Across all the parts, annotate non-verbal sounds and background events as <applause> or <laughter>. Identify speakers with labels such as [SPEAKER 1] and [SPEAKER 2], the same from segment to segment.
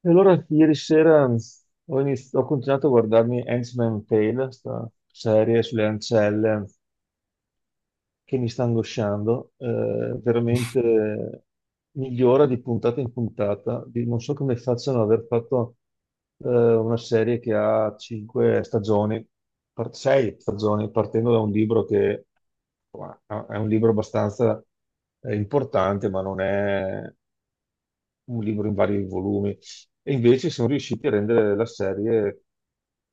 [SPEAKER 1] E allora ieri sera ho continuato a guardarmi Handmaid's Tale, questa serie sulle ancelle che mi sta angosciando, veramente migliora di puntata in puntata. Non so come facciano ad aver fatto una serie che ha cinque stagioni, sei stagioni, partendo da un libro che insomma, è un libro abbastanza importante, ma non è un libro in vari volumi, e invece sono riusciti a rendere la serie,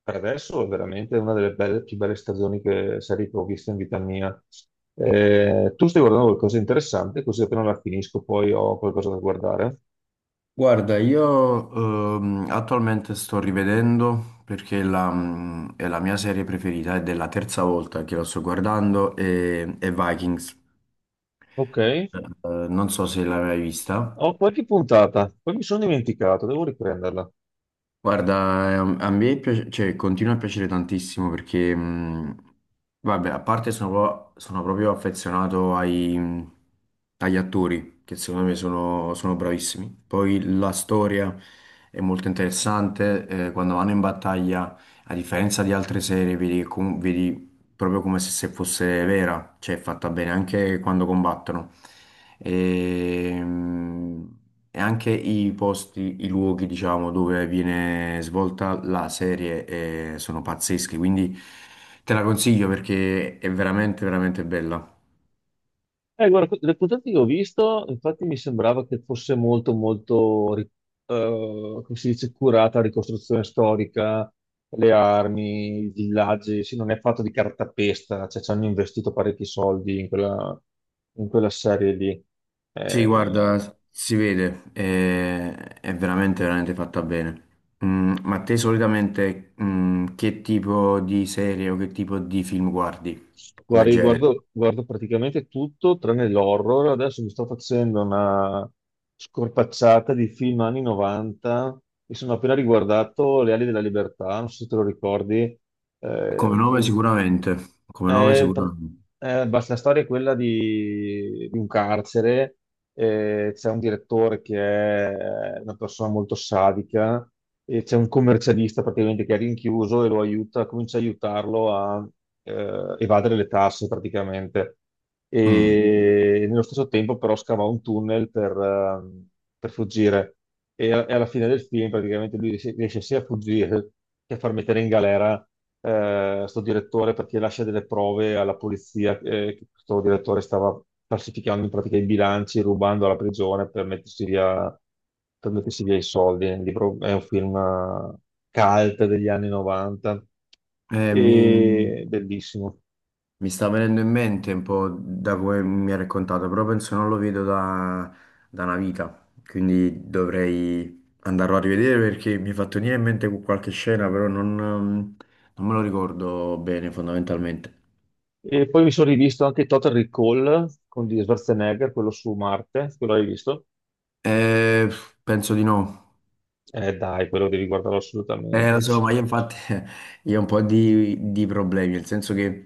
[SPEAKER 1] per adesso, è veramente una delle più belle stagioni che, serie che ho visto in vita mia. Tu stai guardando qualcosa di interessante, così appena la finisco poi ho qualcosa da guardare.
[SPEAKER 2] Guarda, io attualmente sto rivedendo perché è la mia serie preferita, ed è la terza volta che la sto guardando, e è Vikings.
[SPEAKER 1] Ok,
[SPEAKER 2] Non so se l'hai mai vista.
[SPEAKER 1] ho qualche puntata, poi mi sono dimenticato, devo riprenderla.
[SPEAKER 2] Guarda, a me cioè, continua a piacere tantissimo perché, vabbè, a parte sono proprio affezionato agli attori, che secondo me sono bravissimi. Poi la storia è molto interessante, quando vanno in battaglia, a differenza di altre serie, vedi, vedi proprio come se fosse vera, cioè è fatta bene anche quando combattono. E, mm, e anche i posti, i luoghi, diciamo, dove viene svolta la serie sono pazzeschi, quindi te la consiglio perché è veramente, veramente bella.
[SPEAKER 1] Guarda, le puntate che ho visto, infatti mi sembrava che fosse molto, molto, come si dice, curata la ricostruzione storica, le armi, i villaggi, sì, non è fatto di cartapesta, cioè ci hanno investito parecchi soldi in quella serie lì.
[SPEAKER 2] Sì, guarda,
[SPEAKER 1] Eh,
[SPEAKER 2] si vede, è veramente, veramente fatta bene. Ma te solitamente che tipo di serie o che tipo di film guardi come
[SPEAKER 1] Guarda, io
[SPEAKER 2] genere?
[SPEAKER 1] guardo, guardo praticamente tutto tranne l'horror. Adesso mi sto facendo una scorpacciata di film anni 90 e sono appena riguardato Le ali della libertà, non so se te lo ricordi,
[SPEAKER 2] Come
[SPEAKER 1] il
[SPEAKER 2] nome
[SPEAKER 1] film
[SPEAKER 2] sicuramente, come nome
[SPEAKER 1] eh, pr-
[SPEAKER 2] sicuramente.
[SPEAKER 1] basta, la storia è quella di un carcere, c'è un direttore che è una persona molto sadica e c'è un commercialista praticamente che è rinchiuso e lo aiuta, comincia ad aiutarlo a evadere le tasse praticamente.
[SPEAKER 2] Mm.
[SPEAKER 1] E nello stesso tempo però scava un tunnel per fuggire e alla fine del film praticamente lui riesce, riesce sia a fuggire che a far mettere in galera sto direttore perché lascia delle prove alla polizia che questo direttore stava falsificando in pratica i bilanci, rubando alla prigione per mettersi via i soldi. Il libro è un film cult degli anni 90
[SPEAKER 2] Mi
[SPEAKER 1] e bellissimo.
[SPEAKER 2] sta venendo in mente un po' da come mi ha raccontato, però penso non lo vedo da una vita, quindi dovrei andarlo a rivedere perché mi è fatto venire in mente qualche scena, però non me lo ricordo bene fondamentalmente.
[SPEAKER 1] E poi mi sono rivisto anche Total Recall con di Schwarzenegger, quello su Marte, quello l'hai visto?
[SPEAKER 2] Eh, penso di no.
[SPEAKER 1] Dai, quello devi guardarlo
[SPEAKER 2] Lo
[SPEAKER 1] assolutamente.
[SPEAKER 2] so, ma io infatti <laughs> io ho un po' di problemi, nel senso che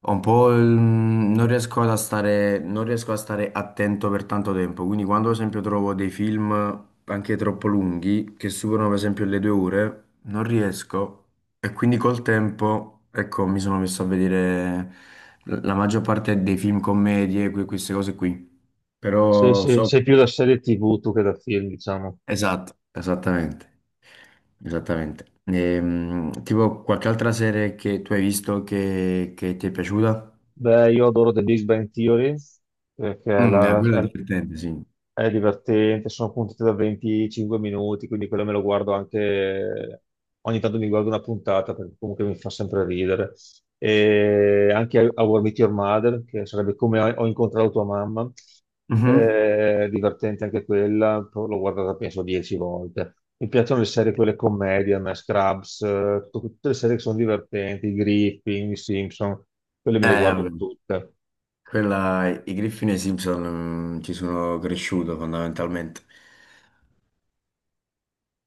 [SPEAKER 2] ho un po' non riesco a stare attento per tanto tempo, quindi quando ad esempio trovo dei film anche troppo lunghi, che superano per esempio le 2 ore, non riesco e quindi col tempo, ecco, mi sono messo a vedere la maggior parte dei film commedie, queste cose qui. Però so.
[SPEAKER 1] Sei più da serie TV tu che da film, diciamo.
[SPEAKER 2] Esatto, esattamente. Esattamente. Tipo qualche altra serie che tu hai visto che ti è piaciuta?
[SPEAKER 1] Beh, io adoro The Big Bang Theory perché
[SPEAKER 2] Quello è divertente, sì.
[SPEAKER 1] è divertente, sono puntate da 25 minuti, quindi quello me lo guardo anche, ogni tanto mi guardo una puntata perché comunque mi fa sempre ridere. E anche How I Met Your Mother, che sarebbe come ho incontrato tua mamma,
[SPEAKER 2] Mhm.
[SPEAKER 1] è divertente anche quella, però l'ho guardata penso 10 volte. Mi piacciono le serie, quelle commedie, a me, Scrubs, tutte le serie che sono divertenti, Griffin, Simpson, quelle me le
[SPEAKER 2] Eh,
[SPEAKER 1] guardo
[SPEAKER 2] vabbè.
[SPEAKER 1] tutte.
[SPEAKER 2] Quella, i Griffin e i Simpson, ci sono cresciuto fondamentalmente.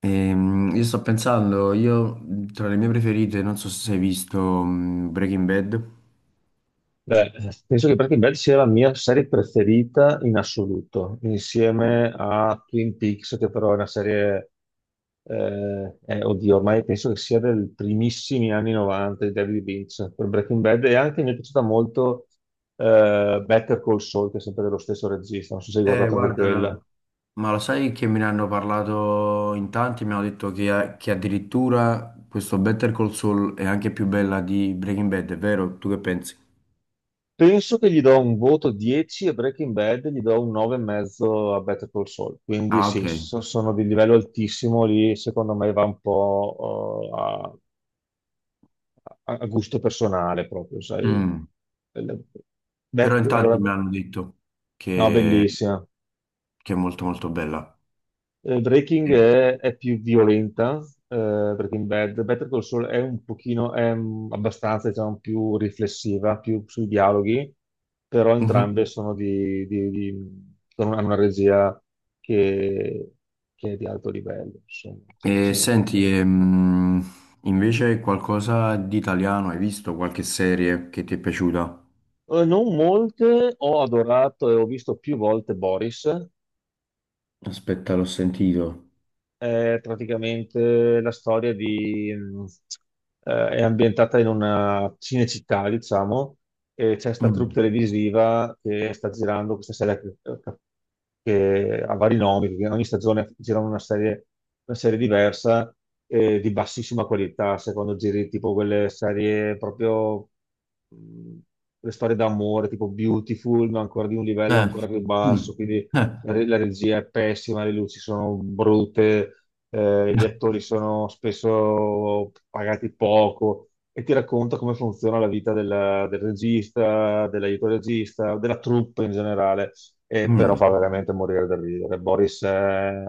[SPEAKER 2] Io sto pensando, tra le mie preferite, non so se hai visto Breaking Bad.
[SPEAKER 1] Beh, penso che Breaking Bad sia la mia serie preferita in assoluto,
[SPEAKER 2] Eh,
[SPEAKER 1] insieme a Twin Peaks, che però è una serie, oddio, ormai penso che sia del primissimi anni 90 di David Lynch per Breaking Bad e anche mi è piaciuta molto Better Call Saul, che è sempre dello stesso regista, non so se hai
[SPEAKER 2] eh,
[SPEAKER 1] guardato anche
[SPEAKER 2] guarda.
[SPEAKER 1] quella.
[SPEAKER 2] Ma lo sai che me ne hanno parlato in tanti, mi hanno detto che addirittura questo Better Call Saul è anche più bella di Breaking Bad, è vero? Tu che pensi?
[SPEAKER 1] Penso che gli do un voto 10 a Breaking Bad, gli do un 9,5 a Better Call Saul. Quindi
[SPEAKER 2] Ah,
[SPEAKER 1] sì,
[SPEAKER 2] ok.
[SPEAKER 1] sono di livello altissimo lì, secondo me va un po' a gusto personale proprio, sai.
[SPEAKER 2] Mm.
[SPEAKER 1] Belle-
[SPEAKER 2] Però
[SPEAKER 1] Bet-
[SPEAKER 2] in tanti
[SPEAKER 1] allora,
[SPEAKER 2] mi hanno detto
[SPEAKER 1] no,
[SPEAKER 2] che,
[SPEAKER 1] bellissima.
[SPEAKER 2] che è molto molto bella.
[SPEAKER 1] Breaking
[SPEAKER 2] Eh.
[SPEAKER 1] è più violenta, eh, Breaking Bad. Better Call Saul è un pochino, è abbastanza, diciamo, più riflessiva, più sui dialoghi, però
[SPEAKER 2] Mhm.
[SPEAKER 1] entrambe sono hanno una regia che, che è di alto livello, insomma. Cioè, c'è
[SPEAKER 2] E
[SPEAKER 1] niente da
[SPEAKER 2] senti,
[SPEAKER 1] fare.
[SPEAKER 2] invece qualcosa di italiano, hai visto qualche serie che ti è piaciuta?
[SPEAKER 1] Non molte, ho adorato e ho visto più volte Boris.
[SPEAKER 2] Aspetta, l'ho sentito.
[SPEAKER 1] È praticamente la storia di... è ambientata in una cinecittà, diciamo, e c'è sta troupe
[SPEAKER 2] Mm.
[SPEAKER 1] televisiva che sta girando questa serie che ha vari nomi, perché ogni stagione girano una serie diversa di bassissima qualità, se quando giri tipo quelle serie proprio... mh, le storie d'amore tipo Beautiful, ma ancora di un livello
[SPEAKER 2] Eh.
[SPEAKER 1] ancora più
[SPEAKER 2] Mm.
[SPEAKER 1] basso, quindi
[SPEAKER 2] Eh.
[SPEAKER 1] la regia è pessima, le luci sono brutte, gli
[SPEAKER 2] <laughs>
[SPEAKER 1] attori sono spesso pagati poco e ti racconta come funziona la vita del regista, dell'aiuto regista, della troupe in generale, e però
[SPEAKER 2] Mm.
[SPEAKER 1] fa veramente morire da ridere. Boris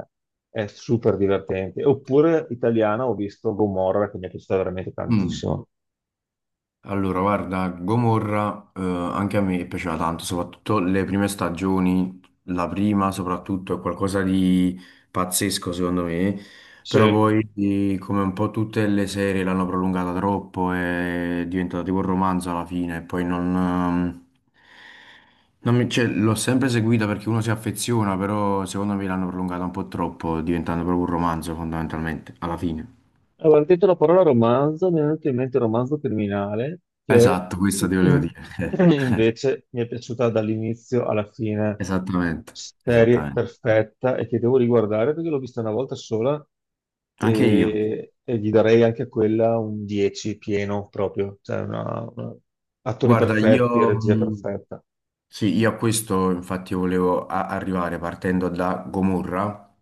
[SPEAKER 1] è super divertente. Oppure italiana, ho visto Gomorra che mi è piaciuta veramente
[SPEAKER 2] Mm.
[SPEAKER 1] tantissimo.
[SPEAKER 2] Allora, guarda, Gomorra, anche a me piaceva tanto, soprattutto le prime stagioni, la prima soprattutto è qualcosa di pazzesco secondo me, però
[SPEAKER 1] Sì.
[SPEAKER 2] poi come un po' tutte le serie l'hanno prolungata troppo, è diventata tipo un romanzo alla fine, e poi non, cioè, l'ho sempre seguita perché uno si affeziona, però secondo me l'hanno prolungata un po' troppo, diventando proprio un romanzo fondamentalmente, alla fine.
[SPEAKER 1] Allora, hai detto la parola romanzo, mi è venuto in mente il romanzo criminale, che
[SPEAKER 2] Esatto, questo
[SPEAKER 1] in-
[SPEAKER 2] ti volevo
[SPEAKER 1] in-
[SPEAKER 2] dire.
[SPEAKER 1] <clears throat>
[SPEAKER 2] <laughs>
[SPEAKER 1] invece mi è piaciuta dall'inizio alla fine,
[SPEAKER 2] Esattamente,
[SPEAKER 1] serie
[SPEAKER 2] esattamente.
[SPEAKER 1] perfetta e che devo riguardare perché l'ho vista una volta sola
[SPEAKER 2] Anche io.
[SPEAKER 1] e gli darei anche a quella un 10 pieno proprio, cioè attori
[SPEAKER 2] Guarda,
[SPEAKER 1] perfetti,
[SPEAKER 2] io,
[SPEAKER 1] regia
[SPEAKER 2] mh,
[SPEAKER 1] perfetta.
[SPEAKER 2] sì, io a questo infatti volevo arrivare partendo da Gomorra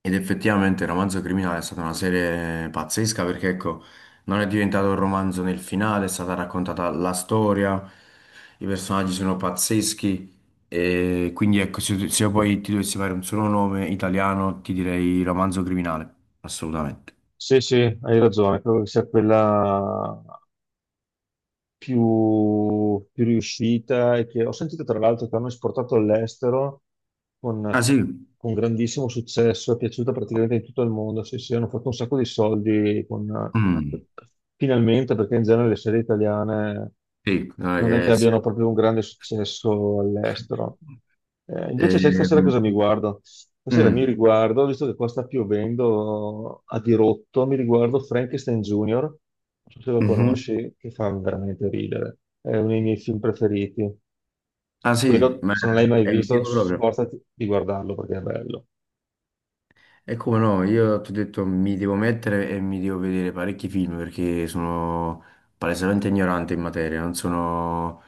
[SPEAKER 2] ed effettivamente il romanzo criminale è stata una serie pazzesca perché ecco, non è diventato un romanzo nel finale, è stata raccontata la storia, i personaggi sono pazzeschi e quindi ecco, se io poi ti dovessi fare un solo nome italiano ti direi romanzo criminale, assolutamente.
[SPEAKER 1] Sì, sì, hai ragione, credo che sia quella più, più riuscita e che ho sentito tra l'altro che hanno esportato all'estero
[SPEAKER 2] Ah
[SPEAKER 1] con,
[SPEAKER 2] sì?
[SPEAKER 1] con grandissimo successo, è piaciuta praticamente in tutto il mondo, sì, sì, hanno fatto un sacco di soldi
[SPEAKER 2] Mm,
[SPEAKER 1] finalmente perché in genere le serie italiane
[SPEAKER 2] sì, non è
[SPEAKER 1] non è che
[SPEAKER 2] che sia.
[SPEAKER 1] abbiano proprio un grande successo all'estero. Invece sai
[SPEAKER 2] Eh,
[SPEAKER 1] stasera cosa mi guardo? Stasera mi
[SPEAKER 2] mm,
[SPEAKER 1] riguardo, visto che qua sta piovendo a dirotto, mi riguardo Frankenstein Junior, non so se lo
[SPEAKER 2] mhm.
[SPEAKER 1] conosci, che fa veramente ridere. È uno dei miei film preferiti.
[SPEAKER 2] Ah sì,
[SPEAKER 1] Quello,
[SPEAKER 2] ma
[SPEAKER 1] se non l'hai mai
[SPEAKER 2] è un
[SPEAKER 1] visto,
[SPEAKER 2] film proprio.
[SPEAKER 1] sforzati di guardarlo perché è bello.
[SPEAKER 2] E come no, io ti ho detto mi devo mettere e mi devo vedere parecchi film perché sono palesemente ignorante in materia, non sono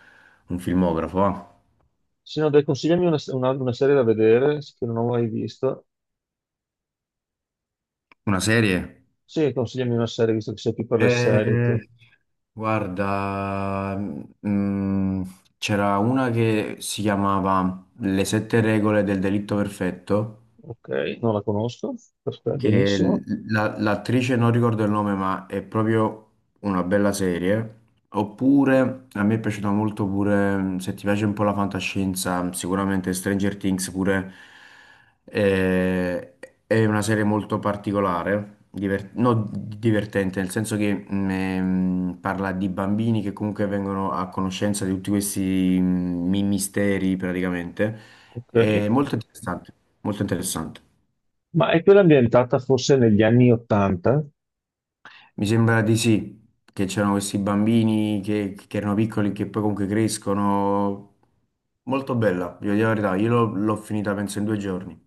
[SPEAKER 2] un filmografo. Ah.
[SPEAKER 1] Se no, dai, consigliami una serie da vedere che non ho mai visto.
[SPEAKER 2] Una serie?
[SPEAKER 1] Sì, consigliami una serie, visto che sei più per le serie
[SPEAKER 2] Eh,
[SPEAKER 1] tu.
[SPEAKER 2] guarda, mm, c'era una che si chiamava Le sette regole del delitto perfetto.
[SPEAKER 1] Ok, non la conosco. Perfetto,
[SPEAKER 2] Che
[SPEAKER 1] benissimo.
[SPEAKER 2] l'attrice non ricordo il nome, ma è proprio una bella serie. Oppure a me è piaciuta molto pure, se ti piace un po' la fantascienza, sicuramente Stranger Things pure eh, è una serie molto particolare, no, divertente, nel senso che parla di bambini che comunque vengono a conoscenza di tutti questi misteri praticamente.
[SPEAKER 1] Ok.
[SPEAKER 2] È molto interessante, molto interessante.
[SPEAKER 1] Ma è quella ambientata forse negli anni Ottanta?
[SPEAKER 2] Mi sembra di sì, che c'erano questi bambini che erano piccoli, che poi comunque crescono. Molto bella, vi dico la verità, io l'ho finita penso in 2 giorni.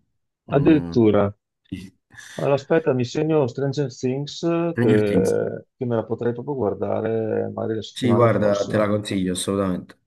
[SPEAKER 2] Mm.
[SPEAKER 1] Addirittura.
[SPEAKER 2] Sì.
[SPEAKER 1] Allora, aspetta, mi segno Stranger Things
[SPEAKER 2] Stranger Things.
[SPEAKER 1] che me la potrei proprio guardare magari la
[SPEAKER 2] Sì,
[SPEAKER 1] settimana
[SPEAKER 2] guarda, te
[SPEAKER 1] prossima.
[SPEAKER 2] la consiglio assolutamente.